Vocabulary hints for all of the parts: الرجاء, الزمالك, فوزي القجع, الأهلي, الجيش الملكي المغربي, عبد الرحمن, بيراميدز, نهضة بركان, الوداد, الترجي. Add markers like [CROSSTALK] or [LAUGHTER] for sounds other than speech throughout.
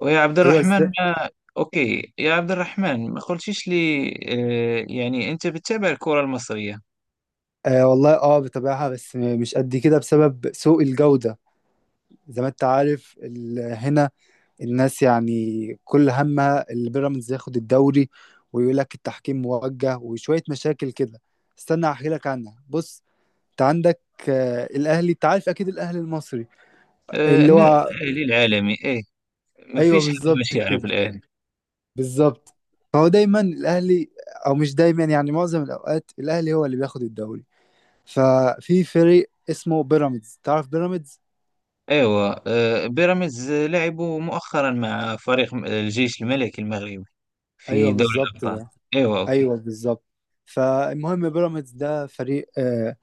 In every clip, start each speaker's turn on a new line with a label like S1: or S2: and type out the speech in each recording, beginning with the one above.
S1: ويا عبد
S2: ايوه،
S1: الرحمن
S2: ازاي؟
S1: ما أوكي يا عبد الرحمن ما قلتيش لي، يعني أنت بتتابع الكرة المصرية؟
S2: آه والله، اه بتابعها، بس مش قد كده، بسبب سوء الجودة. زي ما انت عارف، هنا الناس يعني كل همها البيراميدز ياخد الدوري، ويقول لك التحكيم موجه وشوية مشاكل كده. استنى احكي لك عنها. بص، انت عندك الاهلي، انت عارف اكيد الاهلي المصري، اللي هو.
S1: الأهلي العالمي إيه؟ ما
S2: ايوه
S1: فيش حد مش
S2: بالظبط
S1: يعرف
S2: كده،
S1: الأهلي.
S2: بالظبط. فهو دايما الاهلي، او مش دايما، يعني معظم الاوقات الاهلي هو اللي بياخد الدوري. ففي فريق اسمه بيراميدز، تعرف بيراميدز؟
S1: أيوة بيراميدز لعبوا مؤخرا مع فريق الجيش الملكي المغربي
S2: ايوه
S1: في دوري
S2: بالظبط
S1: الأبطال.
S2: ده،
S1: أيوة أوكي.
S2: ايوه بالظبط. فالمهم بيراميدز ده فريق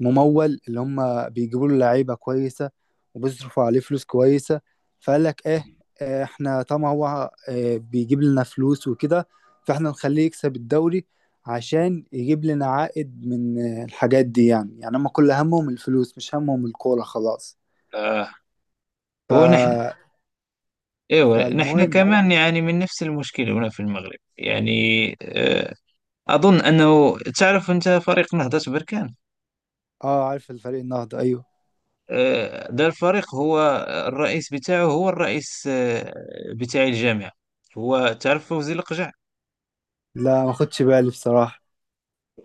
S2: ممول، اللي هم بيجيبوا له لعيبه كويسه، وبيصرفوا عليه فلوس كويسه. فقال لك ايه، احنا طبعا هو بيجيب لنا فلوس وكده، فاحنا نخليه يكسب الدوري عشان يجيب لنا عائد من الحاجات دي. يعني هم كل همهم الفلوس، مش همهم الكوره خلاص.
S1: آه،
S2: ف
S1: هو نحن، أيوة نحن
S2: فالمهم.
S1: كمان يعني من نفس المشكلة هنا في المغرب يعني. آه، أظن أنه تعرف أنت فريق نهضة بركان.
S2: اه، عارف الفريق النهضه، ايوه.
S1: ده الفريق، هو الرئيس بتاعه هو الرئيس، بتاع الجامعة. هو تعرف فوزي القجع؟
S2: لا، ما خدش بالي بصراحه.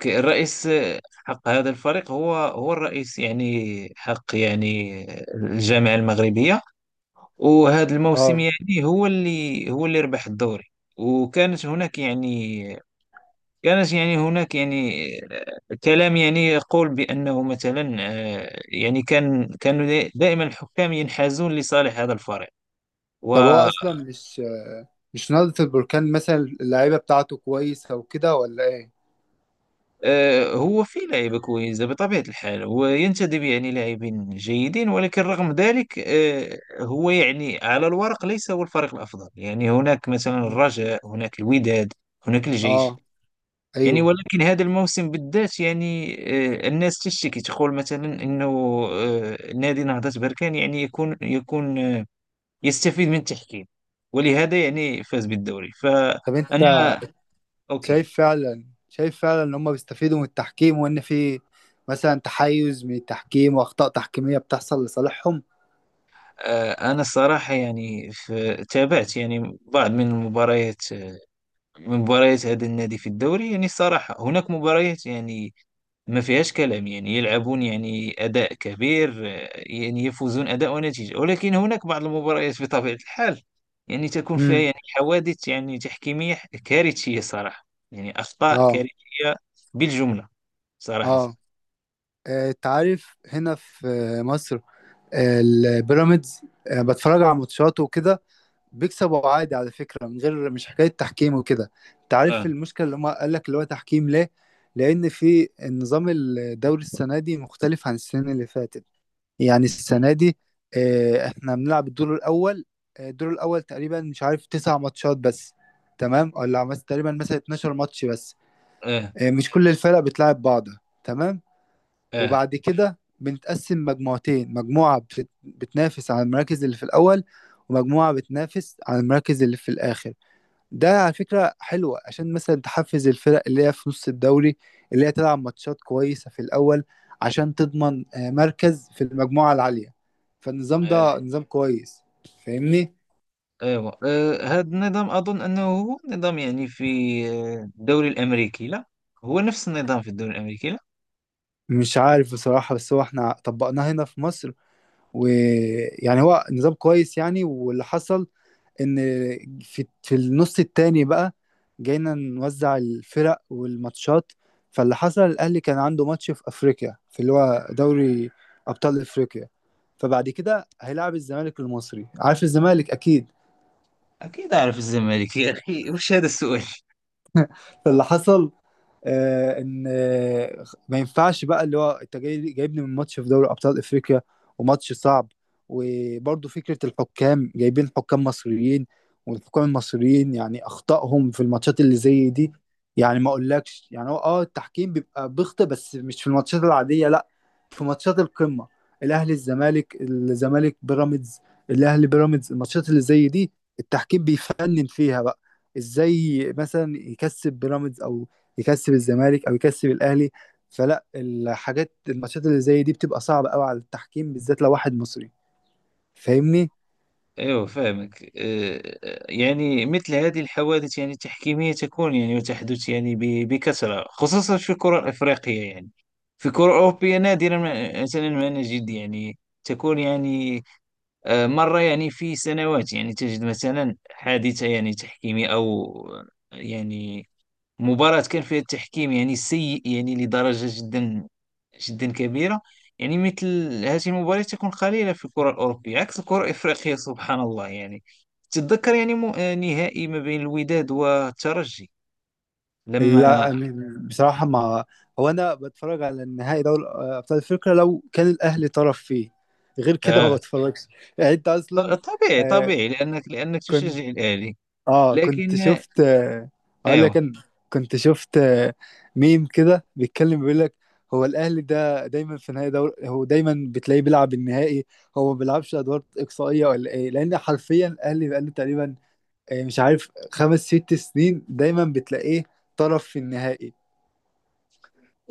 S1: الرئيس حق هذا الفريق هو هو الرئيس يعني حق يعني الجامعة المغربية. وهذا الموسم
S2: اه.
S1: يعني هو اللي ربح الدوري. وكانت هناك يعني كانت يعني هناك يعني، كلام يعني يقول بأنه مثلا، يعني كانوا دائما الحكام ينحازون لصالح هذا الفريق. و
S2: طب هو اصلا مش نهضة البركان مثلا اللعيبة بتاعته كويسة وكده ولا ايه؟
S1: هو في لعيبة كويسة بطبيعة الحال، هو ينتدب يعني لاعبين جيدين، ولكن رغم ذلك هو يعني على الورق ليس هو الفريق الأفضل، يعني هناك مثلا
S2: مم.
S1: الرجاء، هناك الوداد، هناك الجيش
S2: اه.
S1: يعني.
S2: ايوه.
S1: ولكن هذا الموسم بالذات يعني، الناس تشتكي تقول مثلا أنه، نادي نهضة بركان يعني يكون يستفيد من التحكيم، ولهذا يعني فاز بالدوري. فأنا
S2: طب انت
S1: أوكي.
S2: شايف فعلا، شايف فعلا ان هم بيستفيدوا من التحكيم، وان في مثلا تحيز من التحكيم واخطاء تحكيمية بتحصل لصالحهم؟
S1: أنا الصراحة يعني في تابعت يعني بعض من المباريات، من مباريات هذا النادي في الدوري، يعني الصراحة هناك مباريات يعني ما فيهاش كلام، يعني يلعبون يعني أداء كبير، يعني يفوزون أداء ونتيجة. ولكن هناك بعض المباريات بطبيعة الحال يعني تكون فيها
S2: امم.
S1: يعني حوادث يعني تحكيمية كارثية صراحة، يعني أخطاء
S2: اه.
S1: كارثية بالجملة
S2: اه.
S1: صراحة.
S2: انت عارف هنا في مصر، البيراميدز بتفرج على ماتشاته وكده، بيكسبوا عادي على فكرة، من غير مش حكاية تحكيم وكده. انت عارف
S1: آه
S2: المشكلة اللي هم قال لك اللي هو تحكيم ليه؟ لأن في النظام الدوري السنة دي مختلف عن السنة اللي فاتت. يعني السنة دي احنا بنلعب الدور الأول. الدور الأول تقريبا، مش عارف، تسع ماتشات بس. تمام؟ ولا تقريبا مثلا 12 ماتش بس.
S1: آه
S2: مش كل الفرق بتلعب بعض. تمام؟
S1: آه
S2: وبعد كده بنتقسم مجموعتين، مجموعة بتنافس على المراكز اللي في الأول، ومجموعة بتنافس على المراكز اللي في الآخر. ده على فكرة حلوة، عشان مثلا تحفز الفرق اللي هي في نص الدوري، اللي هي تلعب ماتشات كويسة في الأول عشان تضمن مركز في المجموعة العالية. فالنظام
S1: آه.
S2: ده نظام كويس، فاهمني؟
S1: ايوه، هذا النظام اظن انه هو نظام يعني في، الدوري الامريكي لا، هو نفس النظام في الدوري الامريكي لا؟
S2: مش عارف بصراحة، بس هو احنا طبقناه هنا في مصر، ويعني هو نظام كويس يعني. واللي حصل ان في النص التاني بقى جينا نوزع الفرق والماتشات. فاللي حصل الاهلي كان عنده ماتش في افريقيا، في اللي هو دوري ابطال افريقيا، فبعد كده هيلاعب الزمالك المصري، عارف الزمالك اكيد.
S1: اكيد اعرف الزمالك يا اخي [LAUGHS] وش هذا السؤال.
S2: فاللي حصل ان ما ينفعش بقى، اللي هو انت جايبني من ماتش في دوري ابطال افريقيا، وماتش صعب، وبرضه فكره الحكام جايبين حكام مصريين، والحكام المصريين يعني اخطائهم في الماتشات اللي زي دي، يعني ما اقولكش يعني، هو التحكيم بيبقى بيخطئ، بس مش في الماتشات العاديه، لا، في ماتشات القمه، الاهلي الزمالك، الزمالك بيراميدز، الاهلي بيراميدز، الماتشات اللي زي دي التحكيم بيفنن فيها بقى، ازاي مثلا يكسب بيراميدز، او يكسب الزمالك، او يكسب الاهلي. فلا، الحاجات الماتشات اللي زي دي بتبقى صعبه قوي على التحكيم، بالذات لو واحد مصري، فاهمني؟
S1: ايوه فاهمك. يعني مثل هذه الحوادث يعني التحكيميه تكون يعني وتحدث يعني بكثره، خصوصا في الكره الافريقيه يعني. في الكره الاوروبيه نادرا ما مثلا ما نجد يعني تكون يعني، مره يعني في سنوات يعني تجد مثلا حادثه يعني تحكيميه او يعني مباراة كان فيها التحكيم يعني سيء يعني لدرجة جدا جدا كبيرة. يعني مثل هذه المباريات تكون قليلة في الكرة الأوروبية عكس الكرة الإفريقية، سبحان الله. يعني تتذكر يعني م... آه، نهائي ما بين الوداد والترجي لما.
S2: لا، بصراحه ما، هو انا بتفرج على النهائي دوري ابطال افريقيا لو كان الاهلي طرف فيه، غير كده ما
S1: آه،
S2: بتفرجش. يعني انت اصلا
S1: طبيعي
S2: آه،
S1: طبيعي لأنك
S2: كنت،
S1: تشجع الأهلي.
S2: اه كنت
S1: لكن،
S2: شفت اقول لك
S1: أيوه.
S2: انا، كنت شفت ميم كده بيتكلم بيقول لك هو الاهلي ده دايما في نهائي دوري، هو دايما بتلاقيه بيلعب النهائي، هو ما بيلعبش ادوار اقصائيه ولا ايه؟ لان حرفيا الاهلي بقاله تقريبا مش عارف، خمس ست سنين دايما بتلاقيه طرف في النهائي.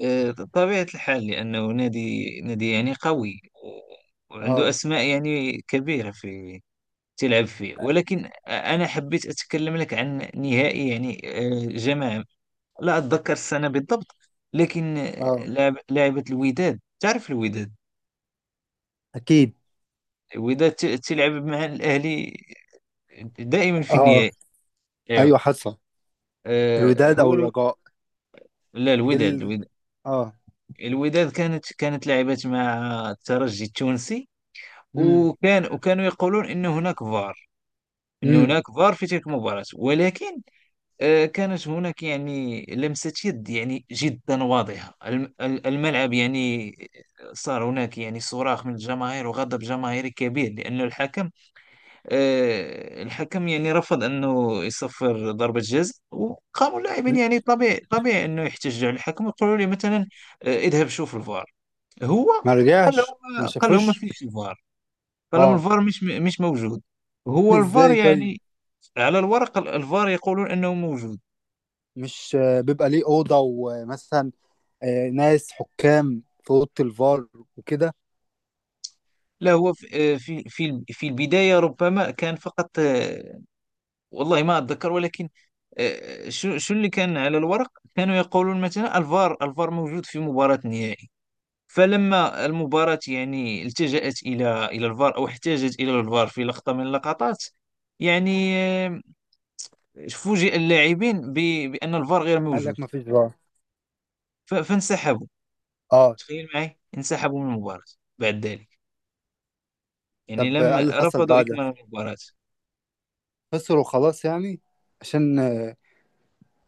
S1: طبيعة الحال، لأنه نادي يعني قوي وعنده
S2: اه.
S1: أسماء يعني كبيرة في تلعب فيه. ولكن أنا حبيت أتكلم لك عن نهائي يعني، جماعة لا أتذكر السنة بالضبط، لكن
S2: اه.
S1: لعبت الوداد. تعرف الوداد؟
S2: اكيد.
S1: الوداد تلعب مع الأهلي دائما في
S2: اه.
S1: النهائي. أيوه.
S2: ايوه حصل.
S1: آه،
S2: الوداد
S1: هو
S2: او
S1: الو...
S2: الرجاء.
S1: لا،
S2: دل.
S1: الوداد الوداد
S2: اه.
S1: الوداد كانت لعبت مع الترجي التونسي.
S2: امم.
S1: وكان يقولون أن هناك فار، أن
S2: امم.
S1: هناك فار في تلك المباراة. ولكن كانت هناك يعني لمسة يد يعني جدا واضحة، الملعب يعني صار هناك يعني صراخ من الجماهير وغضب جماهيري كبير، لأن الحكم الحكم يعني رفض أنه يصفر ضربة جزاء. وقاموا اللاعبين يعني طبيعي طبيعي أنه يحتجوا على الحكم ويقولوا لي مثلا، اذهب شوف الفار. هو
S2: ما
S1: قال
S2: رجعش، ما
S1: لهم، قال لهم ما
S2: شافوش.
S1: فيش الفار، قال لهم
S2: اه.
S1: الفار مش موجود.
S2: [LAUGHS]
S1: هو الفار
S2: ازاي طيب؟
S1: يعني على الورق، الفار يقولون أنه موجود.
S2: مش بيبقى ليه اوضه، ومثلا ناس حكام في اوضه الفار وكده؟
S1: لا، هو في في في البداية ربما كان فقط، والله ما أتذكر. ولكن آه، شو شو اللي كان على الورق، كانوا يقولون مثلا الفار، الفار موجود في مباراة النهائي. فلما المباراة يعني التجأت إلى الفار، أو احتاجت إلى الفار في لقطة من اللقطات يعني، فوجئ اللاعبين بأن الفار غير
S2: قال
S1: موجود.
S2: لك ما فيش فار.
S1: فانسحبوا،
S2: اه،
S1: تخيل معي، انسحبوا من المباراة بعد ذلك. يعني
S2: طب
S1: لم،
S2: قال اللي حصل
S1: رفضوا
S2: بعدها،
S1: إكمال المباراة.
S2: خسروا خلاص يعني، عشان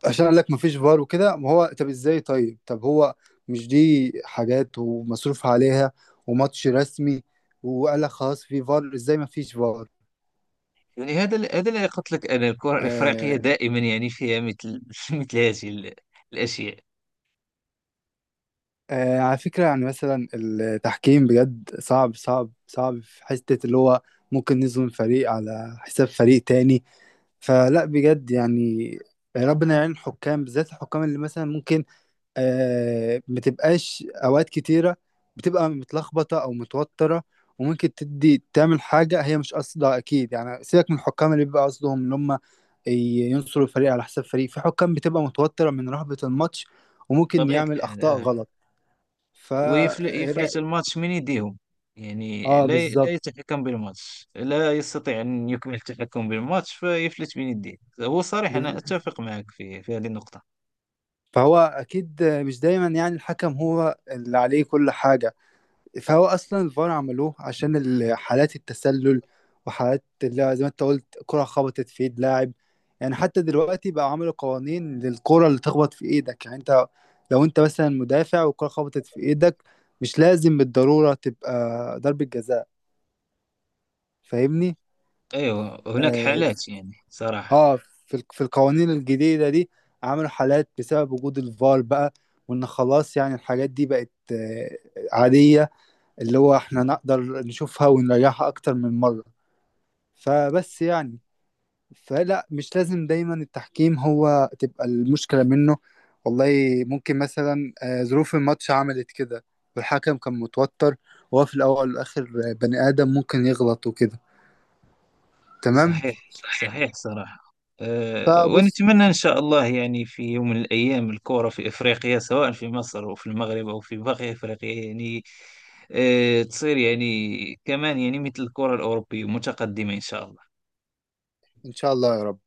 S2: قال لك ما فيش فار وكده. ما هو طب ازاي؟ طيب، طب هو مش دي حاجات ومصروف عليها وماتش رسمي، وقال لك خلاص في فار، ازاي ما فيش فار؟
S1: يعني هذا اللي قلت لك، انا الكره الافريقيه
S2: آه،
S1: دائما يعني فيها مثل [LAUGHS] مثل هذه الاشياء.
S2: على فكرة يعني مثلا التحكيم بجد صعب صعب صعب، في حتة اللي هو ممكن نظلم فريق على حساب فريق تاني. فلا، بجد يعني ربنا يعين الحكام، بالذات الحكام اللي مثلا ممكن ما تبقاش، أوقات كتيرة بتبقى متلخبطة أو متوترة، وممكن تدي تعمل حاجة هي مش قصدها أكيد. يعني سيبك من الحكام اللي بيبقى قصدهم إن هم ينصروا الفريق على حساب فريق، في حكام بتبقى متوترة من رهبة الماتش، وممكن
S1: طبيعه
S2: يعمل
S1: الحال
S2: أخطاء
S1: اه.
S2: غلط. فا،
S1: ويفلت الماتش من يديهم، يعني
S2: اه
S1: لا لا
S2: بالظبط.
S1: يتحكم بالماتش، لا يستطيع ان يكمل التحكم بالماتش، فيفلت من يديه. هو صريح، انا اتفق معك في هذه النقطه.
S2: فهو اكيد مش دايما يعني الحكم هو اللي عليه كل حاجه. فهو اصلا الفار عملوه عشان حالات التسلل، وحالات اللي زي ما انت قلت، كره خبطت في ايد لاعب. يعني حتى دلوقتي بقى عملوا قوانين للكره اللي تخبط في ايدك، يعني انت لو انت مثلا مدافع والكره خبطت في ايدك، مش لازم بالضروره تبقى ضربه جزاء، فاهمني؟
S1: ايوه هناك
S2: آه،
S1: حالات يعني صراحه.
S2: اه في في القوانين الجديدة دي عملوا حالات بسبب وجود الفار بقى، وان خلاص يعني الحاجات دي بقت عادية، اللي هو احنا نقدر نشوفها ونريحها اكتر من مرة. فبس يعني، فلا مش لازم دايما التحكيم هو تبقى المشكلة منه والله. ممكن مثلا ظروف الماتش عملت كده، والحكم كان متوتر، وهو في الاول والاخر بني ادم، ممكن يغلط وكده. تمام؟
S1: صحيح صحيح صراحة. أه،
S2: فبص،
S1: ونتمنى إن شاء الله يعني في يوم من الأيام الكورة في إفريقيا، سواء في مصر أو في المغرب أو في باقي إفريقيا يعني، أه تصير يعني كمان يعني مثل الكورة الأوروبية متقدمة إن شاء الله.
S2: ان شاء الله يا رب.